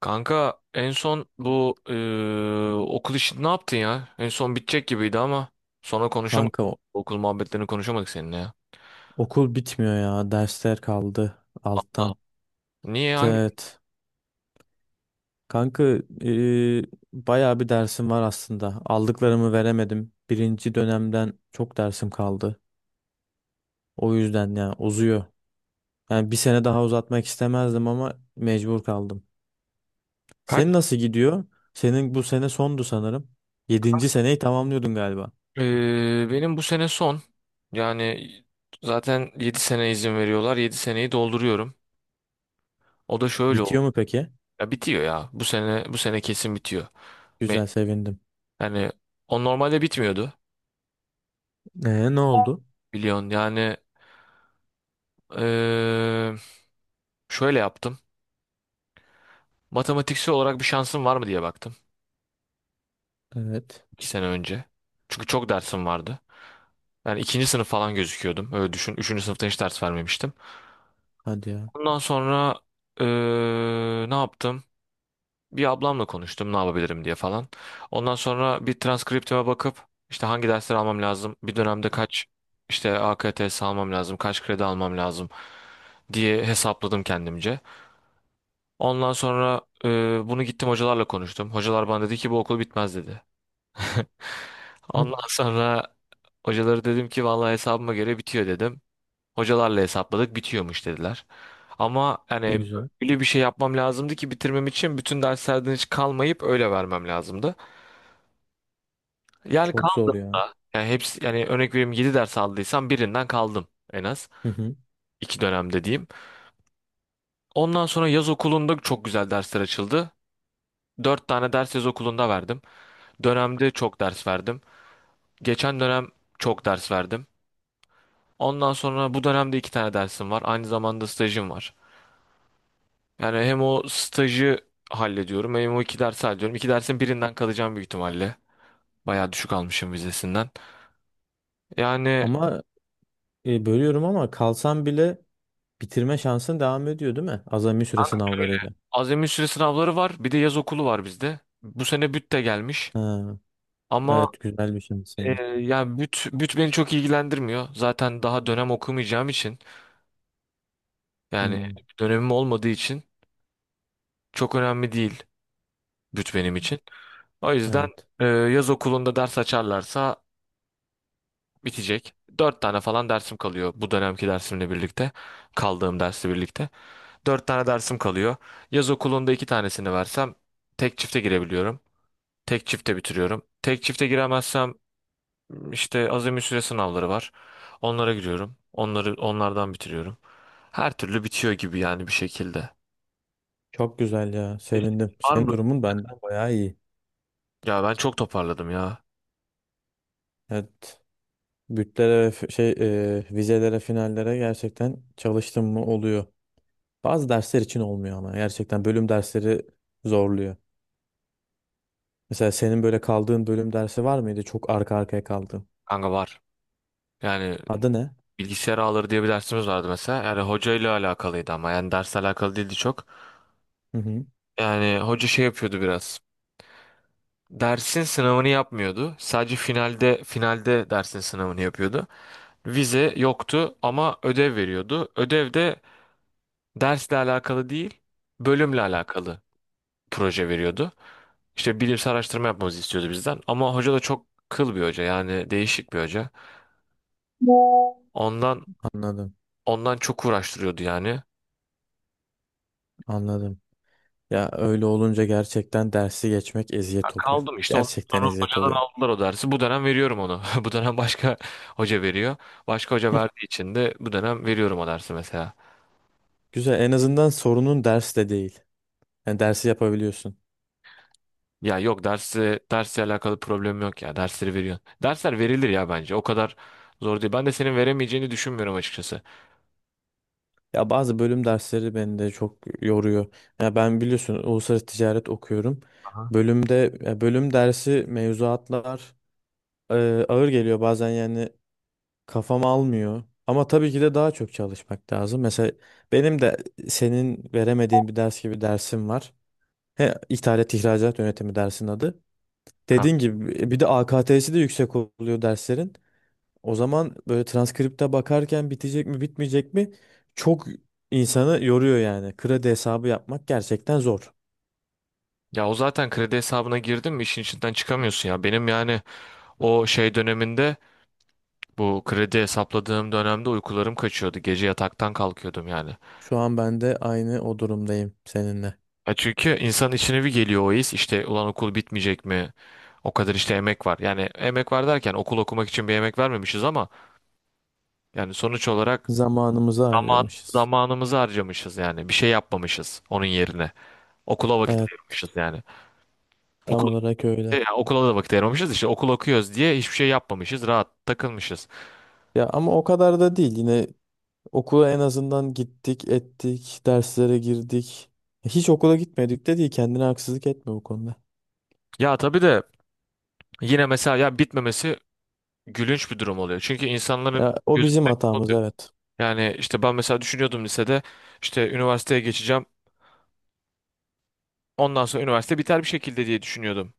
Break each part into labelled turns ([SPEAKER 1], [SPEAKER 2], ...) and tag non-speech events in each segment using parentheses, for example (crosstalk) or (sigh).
[SPEAKER 1] Kanka en son bu okul işini ne yaptın ya? En son bitecek gibiydi ama sonra konuşamadık.
[SPEAKER 2] Kanka
[SPEAKER 1] Okul muhabbetlerini konuşamadık seninle ya.
[SPEAKER 2] okul bitmiyor ya. Dersler kaldı
[SPEAKER 1] Allah.
[SPEAKER 2] alttan.
[SPEAKER 1] Niye hangi
[SPEAKER 2] Evet. Kanka e, bayağı bir dersim var aslında. Aldıklarımı veremedim. Birinci dönemden çok dersim kaldı. O yüzden ya uzuyor. Yani bir sene daha uzatmak istemezdim ama mecbur kaldım.
[SPEAKER 1] kaç?
[SPEAKER 2] Senin nasıl gidiyor? Senin bu sene sondu sanırım. Yedinci seneyi tamamlıyordun galiba.
[SPEAKER 1] Benim bu sene son. Yani zaten 7 sene izin veriyorlar. 7 seneyi dolduruyorum. O da şöyle
[SPEAKER 2] Bitiyor
[SPEAKER 1] oldu.
[SPEAKER 2] mu peki?
[SPEAKER 1] Ya bitiyor ya. Bu sene kesin bitiyor. Ben,
[SPEAKER 2] Güzel, sevindim.
[SPEAKER 1] Yani o normalde bitmiyordu.
[SPEAKER 2] Ne oldu?
[SPEAKER 1] Biliyorsun yani eee, şöyle yaptım. Matematiksel olarak bir şansım var mı diye baktım.
[SPEAKER 2] Evet.
[SPEAKER 1] 2 sene önce. Çünkü çok dersim vardı. Yani ikinci sınıf falan gözüküyordum. Öyle düşün. Üçüncü sınıfta hiç ders vermemiştim.
[SPEAKER 2] Hadi ya.
[SPEAKER 1] Ondan sonra eee, ne yaptım? Bir ablamla konuştum ne yapabilirim diye falan. Ondan sonra bir transkriptime bakıp işte hangi dersleri almam lazım, bir dönemde kaç işte AKTS almam lazım, kaç kredi almam lazım diye hesapladım kendimce. Ondan sonra bunu gittim hocalarla konuştum. Hocalar bana dedi ki bu okul bitmez dedi. (laughs)
[SPEAKER 2] Hı.
[SPEAKER 1] Ondan sonra hocaları dedim ki vallahi hesabıma göre bitiyor dedim. Hocalarla hesapladık bitiyormuş dediler. Ama yani
[SPEAKER 2] Ne güzel.
[SPEAKER 1] öyle bir şey yapmam lazımdı ki bitirmem için bütün derslerden hiç kalmayıp öyle vermem lazımdı. Yani
[SPEAKER 2] Çok zor ya.
[SPEAKER 1] yani hepsi yani örnek vereyim 7 ders aldıysam birinden kaldım en az.
[SPEAKER 2] Hı hı.
[SPEAKER 1] 2 dönemde diyeyim. Ondan sonra yaz okulunda çok güzel dersler açıldı. Dört tane ders yaz okulunda verdim. Dönemde çok ders verdim. Geçen dönem çok ders verdim. Ondan sonra bu dönemde iki tane dersim var. Aynı zamanda stajım var. Yani hem o stajı hallediyorum hem o iki dersi hallediyorum. İki dersin birinden kalacağım büyük ihtimalle. Bayağı düşük almışım vizesinden. Yani
[SPEAKER 2] Ama bölüyorum ama kalsan bile bitirme şansın devam ediyor değil mi? Azami süre sınavlarıyla.
[SPEAKER 1] azami süre sınavları var. Bir de yaz okulu var bizde. Bu sene büt de gelmiş.
[SPEAKER 2] Ha,
[SPEAKER 1] Ama
[SPEAKER 2] evet, güzel bir şey senin için.
[SPEAKER 1] yani büt beni çok ilgilendirmiyor. Zaten daha dönem okumayacağım için yani
[SPEAKER 2] Hmm,
[SPEAKER 1] dönemim olmadığı için çok önemli değil büt benim için. O yüzden
[SPEAKER 2] evet.
[SPEAKER 1] yaz okulunda ders açarlarsa bitecek. Dört tane falan dersim kalıyor bu dönemki dersimle birlikte. Kaldığım dersle birlikte. Dört tane dersim kalıyor. Yaz okulunda iki tanesini versem tek çifte girebiliyorum. Tek çifte bitiriyorum. Tek çifte giremezsem işte azami süre sınavları var. Onlara giriyorum. Onları onlardan bitiriyorum. Her türlü bitiyor gibi yani bir şekilde.
[SPEAKER 2] Çok güzel ya.
[SPEAKER 1] Peki,
[SPEAKER 2] Sevindim.
[SPEAKER 1] var
[SPEAKER 2] Senin
[SPEAKER 1] mı?
[SPEAKER 2] durumun benden bayağı iyi.
[SPEAKER 1] Ya ben çok toparladım ya.
[SPEAKER 2] Evet. Bütlere ve vizelere, finallere gerçekten çalıştım mı oluyor. Bazı dersler için olmuyor ama gerçekten bölüm dersleri zorluyor. Mesela senin böyle kaldığın bölüm dersi var mıydı? Çok arka arkaya kaldığın.
[SPEAKER 1] Kanka var. Yani
[SPEAKER 2] Adı ne?
[SPEAKER 1] bilgisayar ağları diye bir dersimiz vardı mesela. Yani hocayla alakalıydı ama yani dersle alakalı değildi çok.
[SPEAKER 2] Hı hı.
[SPEAKER 1] Yani hoca şey yapıyordu biraz. Dersin sınavını yapmıyordu. Sadece finalde dersin sınavını yapıyordu. Vize yoktu ama ödev veriyordu. Ödev de dersle alakalı değil, bölümle alakalı proje veriyordu. İşte bilimsel araştırma yapmamızı istiyordu bizden. Ama hoca da çok kıl bir hoca yani değişik bir hoca. Ondan
[SPEAKER 2] Anladım.
[SPEAKER 1] ondan çok uğraştırıyordu yani.
[SPEAKER 2] Anladım. Ya öyle olunca gerçekten dersi geçmek eziyet oluyor.
[SPEAKER 1] Kaldım işte ondan
[SPEAKER 2] Gerçekten
[SPEAKER 1] sonra
[SPEAKER 2] eziyet
[SPEAKER 1] hocadan
[SPEAKER 2] oluyor.
[SPEAKER 1] aldılar o dersi. Bu dönem veriyorum onu. (laughs) Bu dönem başka hoca veriyor. Başka hoca verdiği için de bu dönem veriyorum o dersi mesela.
[SPEAKER 2] Güzel, en azından sorunun ders de değil. Yani dersi yapabiliyorsun.
[SPEAKER 1] Ya yok dersi dersle alakalı problem yok ya. Dersleri veriyorsun. Dersler verilir ya bence. O kadar zor değil. Ben de senin veremeyeceğini düşünmüyorum açıkçası.
[SPEAKER 2] Ya bazı bölüm dersleri beni de çok yoruyor. Ya ben biliyorsun uluslararası ticaret okuyorum.
[SPEAKER 1] Aha.
[SPEAKER 2] Bölümde ya bölüm dersi mevzuatlar e, ağır geliyor bazen yani kafam almıyor. Ama tabii ki de daha çok çalışmak lazım. Mesela benim de senin veremediğin bir ders gibi dersim var. He, ithalat ihracat yönetimi dersin adı.
[SPEAKER 1] Ha.
[SPEAKER 2] Dediğin gibi bir de AKT'si de yüksek oluyor derslerin. O zaman böyle transkripte bakarken bitecek mi bitmeyecek mi çok insanı yoruyor yani. Kredi hesabı yapmak gerçekten zor.
[SPEAKER 1] Ya o zaten kredi hesabına girdin mi işin içinden çıkamıyorsun ya. Benim yani o şey döneminde bu kredi hesapladığım dönemde uykularım kaçıyordu. Gece yataktan kalkıyordum yani.
[SPEAKER 2] Şu an ben de aynı o durumdayım seninle.
[SPEAKER 1] Ya çünkü insanın içine bir geliyor o his. İşte ulan okul bitmeyecek mi? O kadar işte emek var. Yani emek var derken okul okumak için bir emek vermemişiz ama yani sonuç olarak
[SPEAKER 2] Zamanımızı
[SPEAKER 1] zaman,
[SPEAKER 2] harcamışız.
[SPEAKER 1] zamanımızı harcamışız yani. Bir şey yapmamışız onun yerine. Okula vakit
[SPEAKER 2] Evet,
[SPEAKER 1] ayırmışız yani.
[SPEAKER 2] tam
[SPEAKER 1] Okul,
[SPEAKER 2] olarak öyle.
[SPEAKER 1] Yani okula da vakit ayırmamışız. İşte okul okuyoruz diye hiçbir şey yapmamışız. Rahat takılmışız.
[SPEAKER 2] Ya ama o kadar da değil. Yine okula en azından gittik, ettik, derslere girdik. Hiç okula gitmedik de değil. Kendine haksızlık etme bu konuda.
[SPEAKER 1] Ya tabii de yine mesela ya bitmemesi gülünç bir durum oluyor. Çünkü insanların
[SPEAKER 2] Ya, o bizim
[SPEAKER 1] gözünden
[SPEAKER 2] hatamız,
[SPEAKER 1] oluyor.
[SPEAKER 2] evet.
[SPEAKER 1] Yani işte ben mesela düşünüyordum lisede işte üniversiteye geçeceğim. Ondan sonra üniversite biter bir şekilde diye düşünüyordum.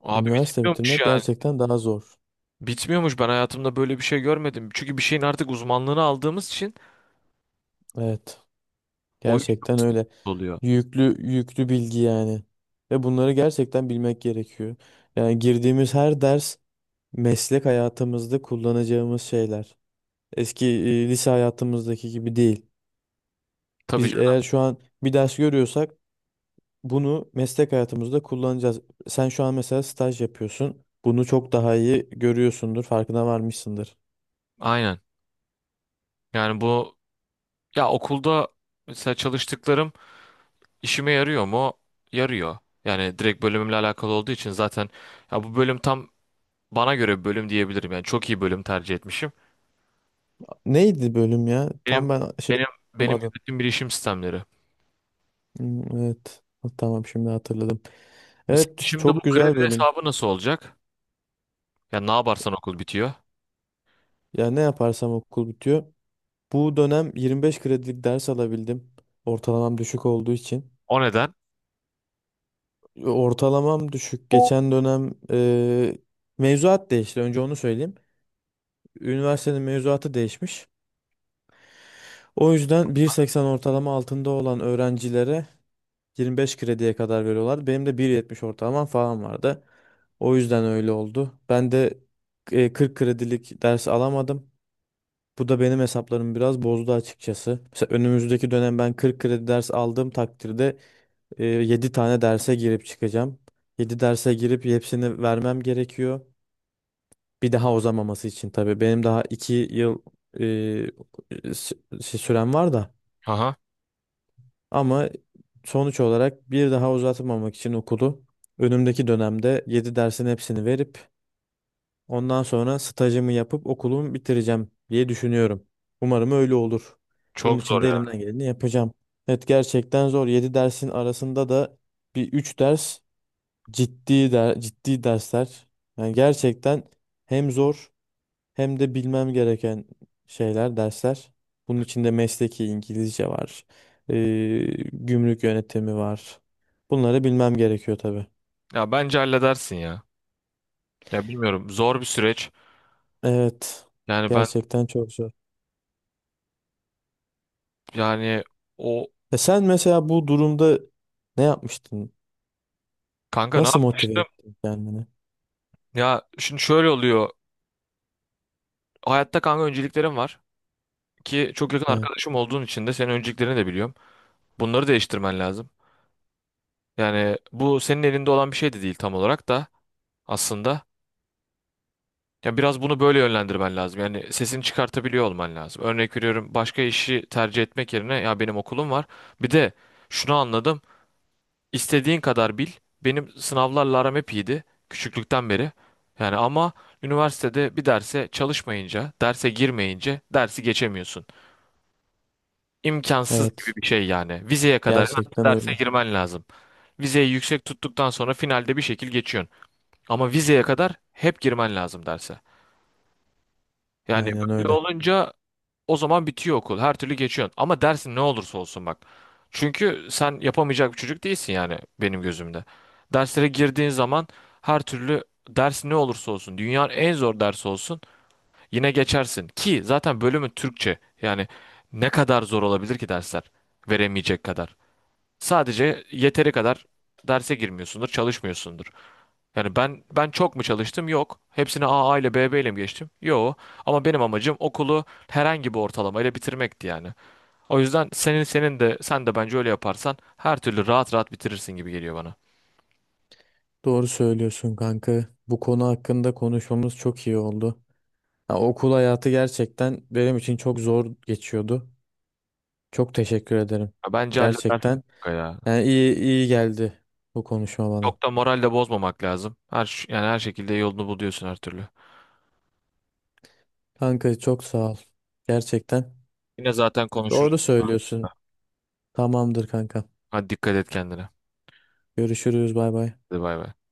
[SPEAKER 1] Abi
[SPEAKER 2] Üniversite
[SPEAKER 1] bitmiyormuş
[SPEAKER 2] bitirmek
[SPEAKER 1] yani.
[SPEAKER 2] gerçekten daha zor.
[SPEAKER 1] Bitmiyormuş. Ben hayatımda böyle bir şey görmedim. Çünkü bir şeyin artık uzmanlığını aldığımız için
[SPEAKER 2] Evet.
[SPEAKER 1] o iş
[SPEAKER 2] Gerçekten öyle.
[SPEAKER 1] oluyor.
[SPEAKER 2] Yüklü yüklü bilgi yani. Ve bunları gerçekten bilmek gerekiyor. Yani girdiğimiz her ders meslek hayatımızda kullanacağımız şeyler. Eski lise hayatımızdaki gibi değil.
[SPEAKER 1] Tabii
[SPEAKER 2] Biz
[SPEAKER 1] canım.
[SPEAKER 2] eğer şu an bir ders görüyorsak bunu meslek hayatımızda kullanacağız. Sen şu an mesela staj yapıyorsun. Bunu çok daha iyi görüyorsundur, farkına varmışsındır.
[SPEAKER 1] Aynen. Yani bu ya okulda mesela çalıştıklarım işime yarıyor mu? Yarıyor. Yani direkt bölümümle alakalı olduğu için zaten ya bu bölüm tam bana göre bir bölüm diyebilirim. Yani çok iyi bölüm tercih etmişim.
[SPEAKER 2] Neydi bölüm ya?
[SPEAKER 1] Benim
[SPEAKER 2] Tam ben şey
[SPEAKER 1] benim benim
[SPEAKER 2] unuttum.
[SPEAKER 1] yönetim bilişim sistemleri.
[SPEAKER 2] Hmm, evet. Ha, tamam, şimdi hatırladım.
[SPEAKER 1] Mesela
[SPEAKER 2] Evet,
[SPEAKER 1] şimdi bu
[SPEAKER 2] çok
[SPEAKER 1] kredi
[SPEAKER 2] güzel bölüm.
[SPEAKER 1] hesabı nasıl olacak? Ya ne yaparsan okul bitiyor.
[SPEAKER 2] Ya ne yaparsam okul bitiyor. Bu dönem 25 kredilik ders alabildim. Ortalamam düşük olduğu için.
[SPEAKER 1] O neden?
[SPEAKER 2] Ortalamam düşük. Geçen dönem mevzuat değişti. Önce onu söyleyeyim. Üniversitenin mevzuatı değişmiş. O yüzden 1,80 ortalama altında olan öğrencilere 25 krediye kadar veriyorlar. Benim de 1,70 ortalamam falan vardı. O yüzden öyle oldu. Ben de 40 kredilik ders alamadım. Bu da benim hesaplarımı biraz bozdu açıkçası. Mesela önümüzdeki dönem ben 40 kredi ders aldığım takdirde 7 tane derse girip çıkacağım. 7 derse girip hepsini vermem gerekiyor. Bir daha uzamaması için tabii. Benim daha 2 yıl e, s- sürem var da.
[SPEAKER 1] Aha,
[SPEAKER 2] Ama sonuç olarak bir daha uzatmamak için okulu önümdeki dönemde 7 dersin hepsini verip, ondan sonra stajımı yapıp okulumu bitireceğim diye düşünüyorum. Umarım öyle olur. Bunun
[SPEAKER 1] çok
[SPEAKER 2] için
[SPEAKER 1] zor
[SPEAKER 2] de
[SPEAKER 1] ya.
[SPEAKER 2] elimden geleni yapacağım. Evet, gerçekten zor. 7 dersin arasında da bir 3 ders ciddi ciddi dersler. Yani gerçekten hem zor hem de bilmem gereken şeyler, dersler. Bunun içinde mesleki İngilizce var. Ee, Gümrük yönetimi var. Bunları bilmem gerekiyor tabii.
[SPEAKER 1] Ya bence halledersin ya. Ya bilmiyorum zor bir süreç.
[SPEAKER 2] Evet.
[SPEAKER 1] Yani
[SPEAKER 2] Gerçekten çok zor.
[SPEAKER 1] yani o
[SPEAKER 2] Sen mesela bu durumda ne yapmıştın?
[SPEAKER 1] kanka ne
[SPEAKER 2] Nasıl motive
[SPEAKER 1] yapmıştım?
[SPEAKER 2] ettin kendini?
[SPEAKER 1] Ya şimdi şöyle oluyor. Hayatta kanka önceliklerim var ki çok yakın
[SPEAKER 2] Evet,
[SPEAKER 1] arkadaşım olduğun için de senin önceliklerini de biliyorum. Bunları değiştirmen lazım. Yani bu senin elinde olan bir şey de değil tam olarak da aslında. Ya biraz bunu böyle yönlendirmen lazım. Yani sesini çıkartabiliyor olman lazım. Örnek veriyorum başka işi tercih etmek yerine ya benim okulum var. Bir de şunu anladım. İstediğin kadar bil. Benim sınavlarla aram hep iyiydi. Küçüklükten beri. Yani ama üniversitede bir derse çalışmayınca, derse girmeyince dersi geçemiyorsun. İmkansız gibi
[SPEAKER 2] evet.
[SPEAKER 1] bir şey yani. Vizeye kadar hemen
[SPEAKER 2] Gerçekten
[SPEAKER 1] derse
[SPEAKER 2] öyle.
[SPEAKER 1] girmen lazım. Vizeyi yüksek tuttuktan sonra finalde bir şekil geçiyorsun. Ama vizeye kadar hep girmen lazım derse. Yani
[SPEAKER 2] Aynen
[SPEAKER 1] böyle
[SPEAKER 2] öyle.
[SPEAKER 1] olunca o zaman bitiyor okul. Her türlü geçiyorsun. Ama dersin ne olursa olsun bak. Çünkü sen yapamayacak bir çocuk değilsin yani benim gözümde. Derslere girdiğin zaman her türlü ders ne olursa olsun, dünyanın en zor dersi olsun yine geçersin. Ki zaten bölümün Türkçe. Yani ne kadar zor olabilir ki dersler? Veremeyecek kadar. Sadece yeteri kadar derse girmiyorsundur, çalışmıyorsundur. Yani ben çok mu çalıştım? Yok. Hepsini A A ile B B ile mi geçtim? Yok. Ama benim amacım okulu herhangi bir ortalamayla bitirmekti yani. O yüzden senin de sen de bence öyle yaparsan her türlü rahat rahat bitirirsin gibi geliyor bana.
[SPEAKER 2] Doğru söylüyorsun kanka. Bu konu hakkında konuşmamız çok iyi oldu. Ya, okul hayatı gerçekten benim için çok zor geçiyordu. Çok teşekkür ederim.
[SPEAKER 1] Ya bence halledersin
[SPEAKER 2] Gerçekten,
[SPEAKER 1] kanka ya.
[SPEAKER 2] yani iyi iyi geldi bu konuşma bana.
[SPEAKER 1] Çok da moral de bozmamak lazım. Yani her şekilde yolunu buluyorsun her türlü.
[SPEAKER 2] Kanka çok sağ ol. Gerçekten.
[SPEAKER 1] Yine zaten konuşuruz.
[SPEAKER 2] Doğru söylüyorsun. Tamamdır kanka.
[SPEAKER 1] Hadi dikkat et kendine.
[SPEAKER 2] Görüşürüz. Bay bay.
[SPEAKER 1] Hadi bay bay.